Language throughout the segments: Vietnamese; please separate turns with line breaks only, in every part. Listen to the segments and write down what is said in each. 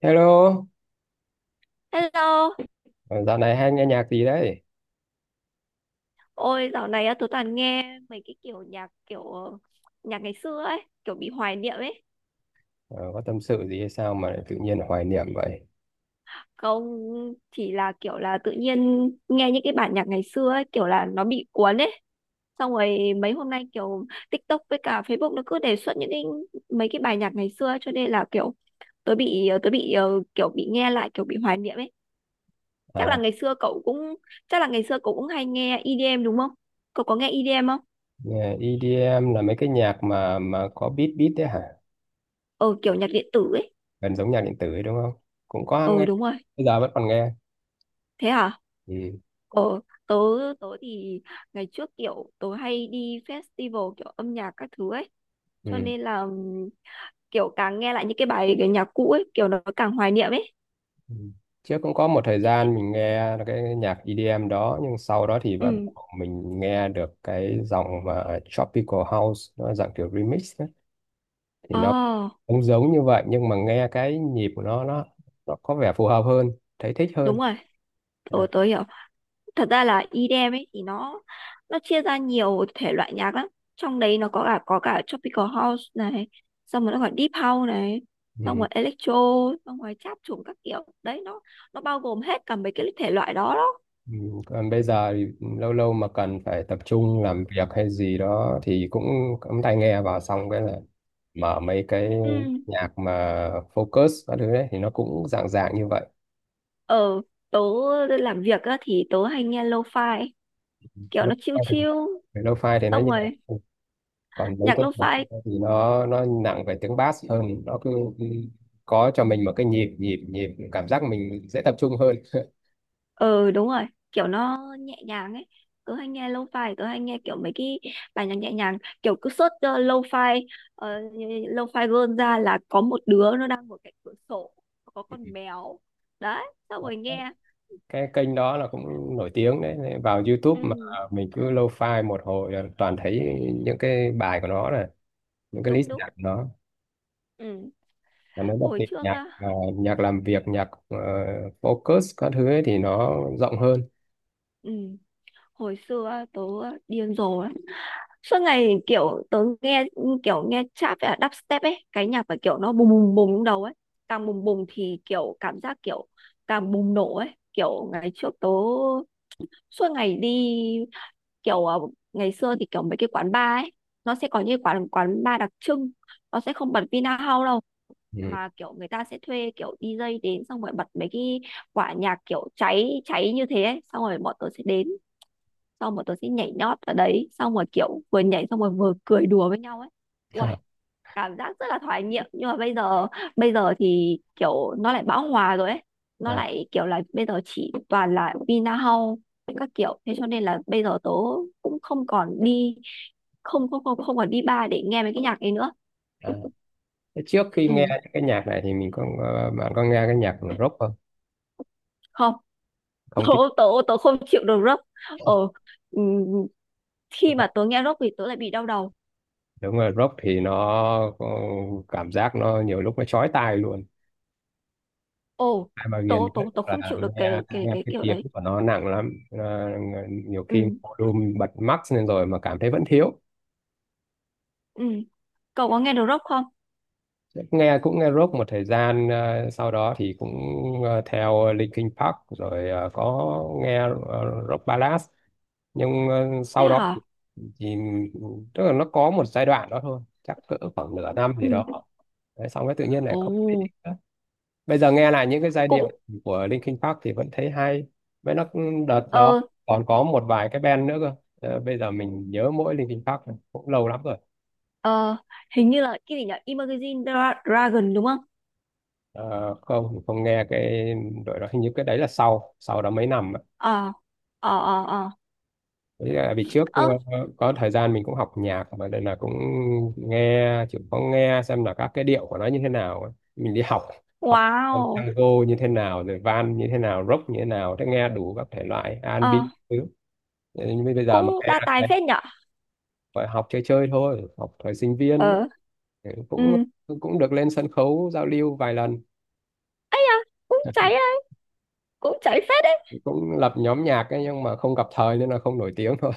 Hello,
Hello,
ờ, dạo này hay nghe nhạc gì đấy?
ôi dạo này á, tớ toàn nghe mấy cái kiểu nhạc kiểu nhạc ngày xưa ấy, kiểu bị hoài niệm ấy.
Ờ, có tâm sự gì hay sao mà lại tự nhiên hoài niệm vậy?
Không, chỉ là kiểu là tự nhiên nghe những cái bản nhạc ngày xưa ấy, kiểu là nó bị cuốn ấy. Xong rồi mấy hôm nay kiểu TikTok với cả Facebook nó cứ đề xuất những cái mấy cái bài nhạc ngày xưa ấy, cho nên là kiểu tớ bị ờ, tớ bị ờ, kiểu bị nghe lại kiểu bị hoài niệm ấy. Chắc là
À,
ngày xưa cậu cũng Chắc là ngày xưa cậu cũng hay nghe EDM đúng không? Cậu có nghe EDM không?
nghe EDM là mấy cái nhạc mà có beat beat đấy hả?
Ờ kiểu nhạc điện tử ấy.
Gần giống nhạc điện tử ấy đúng không? Cũng có
Ờ
nghe,
đúng rồi.
bây giờ vẫn còn nghe.
Thế hả?
Ừ.
ờ tớ tớ thì ngày trước kiểu tớ hay đi festival kiểu âm nhạc các thứ ấy cho
Ừ.
nên là kiểu càng nghe lại những cái bài cái nhạc cũ ấy kiểu nó càng hoài niệm ấy.
Ừ. Trước cũng có một thời gian mình nghe cái nhạc EDM đó, nhưng sau đó thì bắt đầu
Ừ.
mình nghe được cái dòng mà Tropical House, nó là dạng kiểu remix thì
Ồ,
nó cũng giống như vậy, nhưng mà nghe cái nhịp của nó có vẻ phù hợp hơn, thấy thích hơn.
đúng rồi,
À,
tôi hiểu. Thật ra là EDM ấy thì nó chia ra nhiều thể loại nhạc lắm. Trong đấy nó có cả tropical house này, xong rồi nó gọi deep house này, xong
ừ.
rồi electro, xong rồi trap trùng các kiểu. Đấy nó bao gồm hết cả mấy cái thể loại đó đó.
Ừ. Còn bây giờ thì lâu lâu mà cần phải tập trung làm việc hay gì đó thì cũng cắm tai nghe vào, xong cái là mở mấy cái
Ừ.
nhạc mà focus các thứ đấy thì nó cũng dạng dạng như vậy.
ở tớ làm việc á, thì tớ hay nghe lo-fi, kiểu nó chill
lo-fi
chill,
Lo-fi thì nó
xong
nhẹ,
rồi
còn mấy
nhạc
cái nhạc
lo-fi,
thì nó nặng về tiếng bass hơn, nó cứ có cho mình một cái nhịp nhịp nhịp, cảm giác mình dễ tập trung hơn.
ờ đúng rồi, kiểu nó nhẹ nhàng ấy. Tớ hay nghe lo-fi, tớ hay nghe kiểu mấy cái bài nhạc nhẹ nhàng, kiểu cứ search lo-fi, ờ, lo-fi girl ra là có một đứa nó đang ngồi cạnh cửa sổ, có con mèo, đấy, xong rồi nghe,
Cái kênh đó là cũng nổi tiếng đấy. Nên vào YouTube mà
ừ,
mình cứ lâu file một hồi là toàn thấy những cái bài của nó này, những cái list
đúng đúng,
nhạc của nó.
ừ.
Và nó đặc
Hồi
biệt
trước
nhạc
á,
ờ, nhạc làm việc nhạc focus các thứ ấy thì nó rộng hơn.
ừ, hồi xưa á, tớ điên rồ suốt ngày kiểu tớ nghe kiểu nghe trap và đắp step ấy cái nhạc phải kiểu nó bùng bùng bùng trong đầu ấy, càng bùng bùng thì kiểu cảm giác kiểu càng bùng nổ ấy kiểu ngày trước tớ suốt ngày đi kiểu ngày xưa thì kiểu mấy cái quán bar ấy nó sẽ có những quán quán bar đặc trưng, nó sẽ không bật Vinahouse đâu
Ừ.
mà kiểu người ta sẽ thuê kiểu đi DJ đến xong rồi bật mấy cái quả nhạc kiểu cháy cháy như thế ấy. Xong rồi bọn tớ sẽ đến xong bọn tôi sẽ nhảy nhót ở đấy xong rồi kiểu vừa nhảy xong rồi vừa cười đùa với nhau ấy. Uầy, cảm giác rất là thoải nghiệm nhưng mà bây giờ thì kiểu nó lại bão hòa rồi ấy, nó
À,
lại kiểu là bây giờ chỉ toàn là Vinahall với các kiểu thế cho nên là bây giờ tớ cũng không còn đi, không không không không còn đi bar để nghe mấy cái nhạc ấy nữa.
à. Thế trước khi
Ừ
nghe những cái nhạc này thì mình bạn có nghe cái nhạc rock không?
không.
Không
tớ
thích
tớ tớ không chịu được rock. Ờ ừ, khi mà
rock.
tớ nghe rock thì tớ lại bị đau đầu.
Đúng rồi, rock thì nó có cảm giác nó nhiều lúc nó chói tai luôn,
Ồ
ai mà
tớ
ghiền
tớ
nhất
tớ không
là
chịu được
nghe,
cái cái
nghe
cái
cái
kiểu
tiếng
đấy.
của nó nặng lắm. Nó- nhiều khi
Ừ
volume bật max lên rồi mà cảm thấy vẫn thiếu.
ừ. Cậu có nghe được rock không?
Nghe cũng nghe rock một thời gian, sau đó thì cũng theo Linkin Park, rồi có nghe rock ballad, nhưng
Thế
sau đó thì
hả?
tức là nó có một giai đoạn đó thôi, chắc cỡ khoảng nửa năm gì
Ừ.
đó. Đấy, xong cái tự nhiên lại
Ồ.
không thích nữa. Bây giờ nghe lại những cái giai điệu
cũng
của Linkin Park thì vẫn thấy hay, với nó đợt đó
ờ
còn có một vài cái band nữa cơ. Ờ, bây giờ mình nhớ mỗi Linkin Park thôi, cũng lâu lắm rồi.
ờ. Hình như là cái gì nhỉ? Dragon đúng không?
Ờ, không, mình không nghe cái đội đó, hình như cái đấy là sau sau đó mấy năm ạ.
Ờ ờ ờ ờ.
Với lại vì trước
Ơ
có thời gian mình cũng học nhạc mà, đây là cũng nghe chịu có nghe xem là các cái điệu của nó như thế nào ấy. Mình đi học học con
wow.
tango như thế nào, rồi van như thế nào, rock như thế nào, thế nghe đủ các thể loại
Ờ
R&B thứ. Thế nhưng bây giờ
cũng
mà nghe
đa tài phết nhở.
phải học chơi chơi thôi, học thời sinh viên ấy.
Ờ
Ừ,
ừ
cũng cũng được lên sân khấu giao lưu vài lần,
cũng cháy á, cũng cháy phết đấy.
cũng lập nhóm nhạc ấy, nhưng mà không gặp thời nên là không nổi tiếng thôi.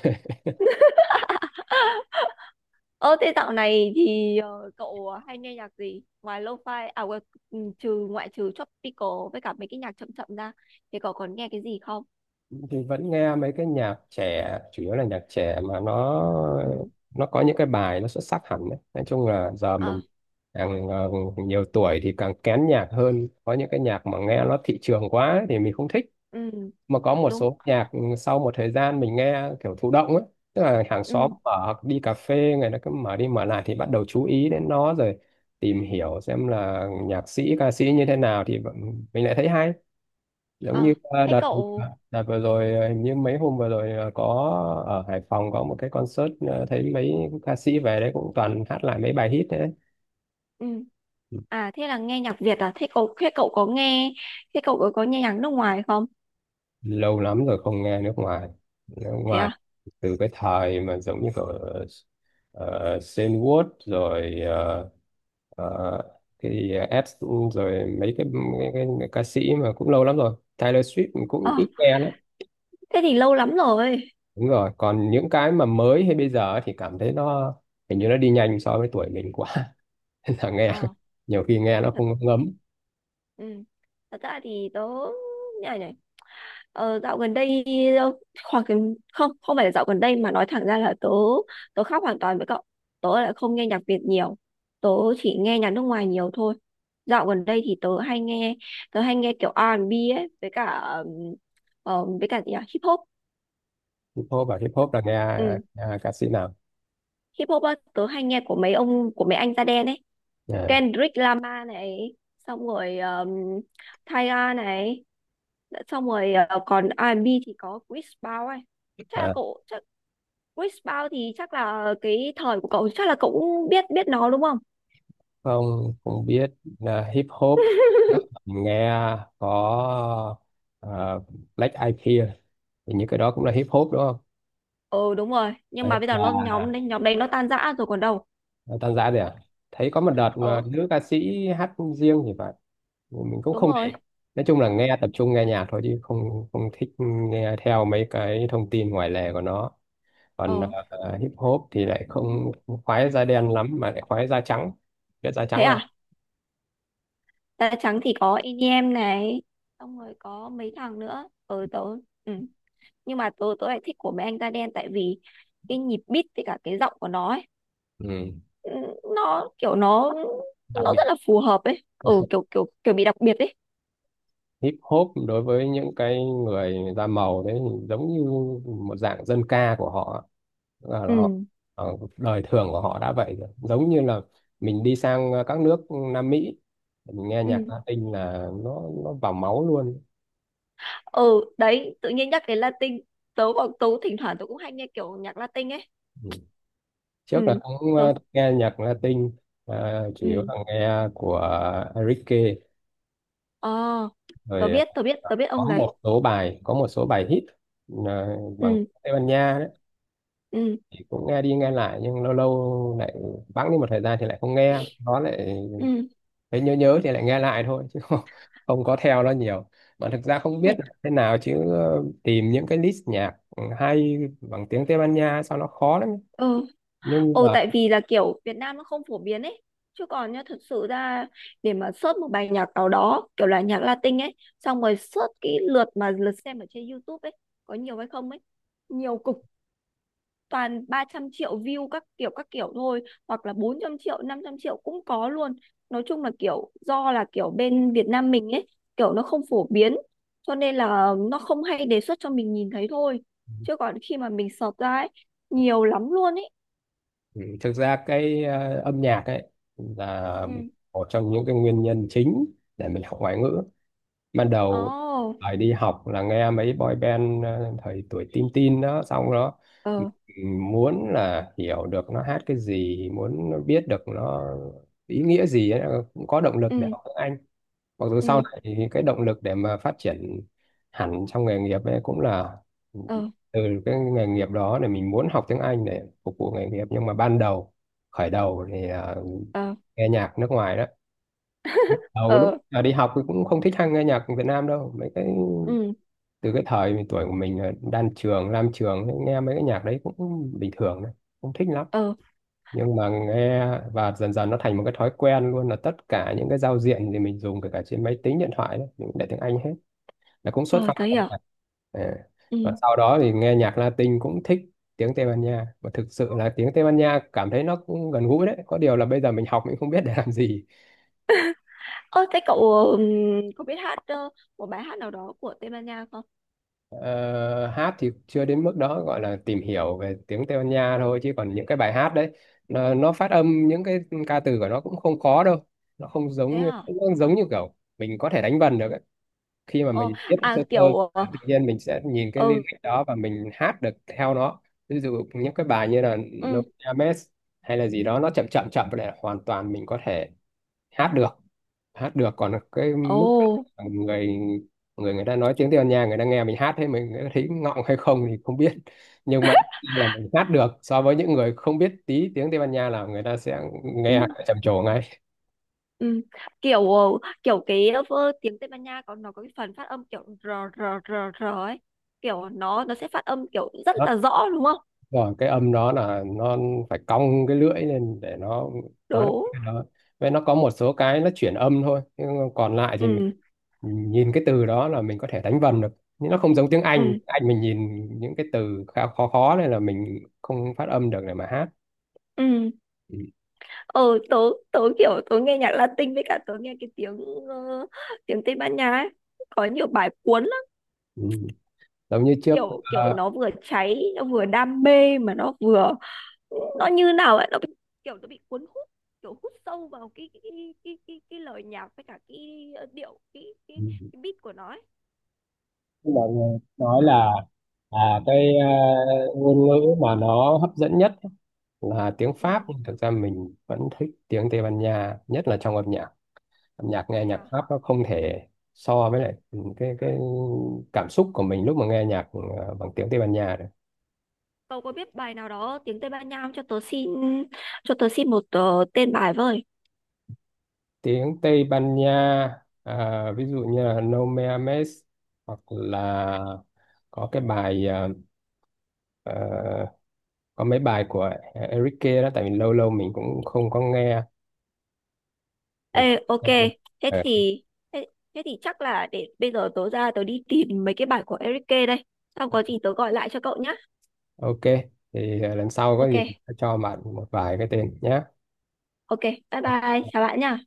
Ờ thế dạo này thì cậu hay nghe nhạc gì ngoài lo-fi, à quên, ừ, trừ, ngoại trừ tropical với cả mấy cái nhạc chậm chậm ra thì cậu còn nghe cái gì không?
Thì vẫn nghe mấy cái nhạc trẻ, chủ yếu là nhạc trẻ, mà nó
Ừ
nó có những cái bài nó xuất sắc hẳn đấy. Nói chung là giờ
ờ
mình càng nhiều tuổi thì càng kén nhạc hơn, có những cái nhạc mà nghe nó thị trường quá ấy thì mình không thích,
ừ
mà có một
đúng
số nhạc sau một thời gian mình nghe kiểu thụ động ấy, tức là hàng xóm
ừ.
mở, đi cà phê người ta cứ mở đi mở lại thì bắt đầu chú ý đến nó, rồi tìm hiểu xem là nhạc sĩ ca sĩ như thế nào thì mình lại thấy hay. Giống như
Ờ thế
đợt
cậu.
đợt vừa rồi ờ, hình như mấy hôm vừa rồi có ở Hải Phòng có một cái concert, thấy mấy ca sĩ về đấy cũng toàn hát lại mấy bài hit.
Ừ. À thế là nghe nhạc Việt à? Thế cậu có, nghe thế cậu có nghe nhạc nước ngoài không?
Lâu lắm rồi không nghe nước ngoài. Nước
Thế
ngoài
à?
từ cái thời mà giống như kiểu uh, Wood, rồi ờ, thì Ed, rồi mấy cái ca sĩ mà cũng lâu lắm rồi. Taylor Swift mình
Ờ
cũng ít nghe lắm.
thế thì lâu lắm rồi.
Đúng rồi, còn những cái mà mới hay bây giờ thì cảm thấy nó hình như nó đi nhanh so với tuổi mình quá. Nên là nghe
Ờ
nhiều khi nghe nó
thật.
không ngấm.
Ừ. Thật ra thì tớ. Này này. Ờ, dạo gần đây, hoặc không, không phải là dạo gần đây mà nói thẳng ra là tớ tớ khác hoàn toàn với cậu. Tớ lại không nghe nhạc Việt nhiều, tớ chỉ nghe nhạc nước ngoài nhiều thôi. Dạo gần đây thì tớ hay nghe kiểu R&B ấy với cả với cả gì nhỉ? Hip hop.
Hip hop, hip hop là nghe,
Ừ.
nghe ca sĩ nào?
Hip hop á, tớ hay nghe của mấy anh da đen ấy.
À,
Kendrick Lamar này, xong rồi Tyga này, xong rồi còn R&B thì có Chris Brown ấy. Chắc là
à,
cậu chắc Wishbound thì chắc là cái thời của cậu, chắc là cậu cũng biết biết nó đúng không?
không, cũng biết là hip hop thì đó, mình nghe có à, Black Eyed Peas thì những cái đó cũng là hip hop đúng không?
Ừ đúng rồi, nhưng
Đấy,
mà bây giờ nó, nhóm đấy nó tan rã rồi còn đâu.
và tan ra rồi à? Thấy có một đợt
Ờ
nữ ca sĩ hát riêng thì phải, mình cũng
đúng
không để
rồi.
ý. Nói chung là nghe tập trung nghe nhạc thôi, chứ không không thích nghe theo mấy cái thông tin ngoài lề của nó,
Ờ
còn hip hop thì lại không không khoái da đen lắm, mà lại khoái da trắng, biết da
thế
trắng là
à? Da trắng thì có EDM này, xong rồi có mấy thằng nữa. Ờ tớ ừ. Nhưng mà tớ tớ lại thích của mấy anh da đen tại vì cái nhịp beat với cả cái giọng của nó ấy,
ừ.
ừ, nó kiểu
Đặc
nó
biệt
rất là phù hợp ấy. Ừ kiểu kiểu kiểu bị đặc biệt ấy.
hip hop đối với những cái người da màu đấy thì giống như một dạng dân ca của họ, là
Ừ.
họ đời thường của họ đã vậy rồi, giống như là mình đi sang các nước Nam Mỹ, mình nghe nhạc
Ừ.
Latin là nó vào máu luôn.
Ừ đấy tự nhiên nhắc đến Latin, tớ bọn tớ thỉnh thoảng tớ cũng hay nghe kiểu nhạc Latin ấy.
Ừ.
Ừ
Trước là cũng
tớ
nghe nhạc Latin, chủ yếu
ừ.
là nghe của Enrique,
Ờ
rồi
tớ biết ông đấy.
có một số bài hit bằng
Ừ
Tây Ban Nha đấy,
ừ
thì cũng nghe đi nghe lại, nhưng lâu lâu lại bẵng đi một thời gian thì lại không nghe nó, lại
ừ
thấy nhớ nhớ thì lại nghe lại thôi, chứ không có theo nó nhiều. Mà thực ra không
ừ
biết là thế nào, chứ tìm những cái list nhạc hay bằng tiếng Tây Ban Nha sao nó khó lắm.
ừ.
Nhưng
Ồ,
mà
tại vì là kiểu Việt Nam nó không phổ biến ấy, chứ còn nhá thực sự ra, để mà search một bài nhạc nào đó kiểu là nhạc Latin ấy, xong rồi search cái lượt mà lượt xem ở trên YouTube ấy có nhiều hay không ấy, nhiều cực, toàn 300 triệu view các kiểu thôi, hoặc là 400 triệu, 500 triệu cũng có luôn. Nói chung là kiểu do là kiểu bên Việt Nam mình ấy kiểu nó không phổ biến cho nên là nó không hay đề xuất cho mình nhìn thấy thôi, chứ còn khi mà mình search ra ấy nhiều lắm luôn ấy.
ừ, thực ra cái âm nhạc ấy là
Ừ.
một trong những cái nguyên nhân chính để mình học ngoại ngữ ban đầu.
Ồ.
Thời đi học là nghe mấy boy band, thời tuổi teen teen đó, xong đó ừ,
Ờ.
muốn là hiểu được nó hát cái gì, muốn biết được nó ý nghĩa gì ấy, cũng có động lực để
Ừ.
học tiếng Anh. Mặc dù sau
Ừ.
này thì cái động lực để mà phát triển hẳn trong nghề nghiệp ấy cũng là
Ờ.
từ cái nghề nghiệp đó, để mình muốn học tiếng Anh để phục vụ nghề nghiệp, nhưng mà ban đầu khởi đầu thì
Ờ
nghe nhạc nước ngoài đó. Đầu lúc
ờ
đi học thì cũng không thích nghe nhạc Việt Nam đâu, mấy cái
Ừ.
từ cái thời mình, tuổi của mình là đan trường lam trường thì nghe mấy cái nhạc đấy cũng bình thường đấy, không thích lắm.
Ờ
Nhưng mà nghe, và dần dần nó thành một cái thói quen luôn, là tất cả những cái giao diện thì mình dùng, kể cả trên máy tính điện thoại đấy, mình cũng để tiếng Anh hết, là cũng xuất
ờ
phát
tớ
từ
hiểu.
cả. À. Và
Ừ.
sau đó thì nghe nhạc Latin cũng thích tiếng Tây Ban Nha, và thực sự là tiếng Tây Ban Nha cảm thấy nó cũng gần gũi đấy, có điều là bây giờ mình học mình không biết để làm gì.
Ơ thế cậu ừm, có biết hát một bài hát nào đó của Tây Ban Nha không?
Ờ, hát thì chưa đến mức đó, gọi là tìm hiểu về tiếng Tây Ban Nha thôi, chứ còn những cái bài hát đấy nó phát âm những cái ca từ của nó cũng không khó đâu, nó không
Thế
giống như,
hả?
kiểu mình có thể đánh vần được ấy. Khi mà
Ồ.
mình biết
À
sơ sơ
kiểu
tự nhiên mình sẽ nhìn cái
ừ.
lyric đó và mình hát được theo nó, ví dụ những cái bài như là No
Ừ.
Ames hay là gì đó, nó chậm chậm chậm này hoàn toàn mình có thể hát được. Hát được, còn cái
Ồ.
mức người người người ta nói tiếng Tây Ban Nha, người ta nghe mình hát thế, mình, người ta thấy ngọng hay không thì không biết, nhưng mà là mình hát được so với những người không biết tí tiếng Tây Ban Nha là người ta sẽ
Ừ,
nghe trầm trồ ngay.
ừ. Kiểu kiểu cái tiếng Tây Ban Nha có, nó có cái phần phát âm kiểu r r r r ấy, kiểu nó sẽ phát âm kiểu rất là rõ đúng không?
Rồi cái âm đó là nó phải cong cái lưỡi lên để nó nói được
Đúng.
cái đó, vậy nó có một số cái nó chuyển âm thôi, nhưng còn lại thì mình
Ừ
nhìn cái từ đó là mình có thể đánh vần được, nhưng nó không giống tiếng Anh.
ừ
Tiếng Anh mình nhìn những cái từ khá khó khó này là mình không phát âm được để mà hát.
ừ.
Ừ.
Ờ tớ, tớ kiểu tớ nghe nhạc Latin với cả tớ nghe cái tiếng ờ, tiếng Tây Ban Nha ấy có nhiều bài cuốn lắm.
Ừ. Giống như trước
Kiểu kiểu
ờ,
nó vừa cháy nó vừa đam mê mà nó vừa, nó như nào ấy nó bị, kiểu nó bị cuốn hút, kiểu hút sâu vào cái lời nhạc với cả cái điệu
ừ,
cái beat của nó ấy.
mọi người nói là cái ngôn ngữ mà nó hấp dẫn nhất là tiếng Pháp,
Ừ,
nhưng thực ra mình vẫn thích tiếng Tây Ban Nha nhất là trong âm nhạc. Âm nhạc nghe
thế
nhạc
à?
Pháp nó không thể so với lại cái cảm xúc của mình lúc mà nghe nhạc bằng tiếng Tây Ban Nha được.
Cậu có biết bài nào đó tiếng Tây Ban Nha không cho tớ xin, cho tớ xin một tên bài với.
Tiếng Tây Ban Nha ví dụ như là No Me Ames, hoặc là có cái bài ờ, có mấy bài của Enrique đó, tại vì lâu lâu mình cũng không có nghe. Mình
Ê
không
ok,
nghe luôn.
thế
Ờ,
thì, thế, thế thì chắc là để bây giờ tớ ra tớ đi tìm mấy cái bài của Eric K đây, xong có gì tớ gọi lại cho cậu nhá.
ok, thì lần sau có gì
Ok
mình sẽ cho bạn một vài cái tên
ok bye bye,
nhé
chào bạn nha.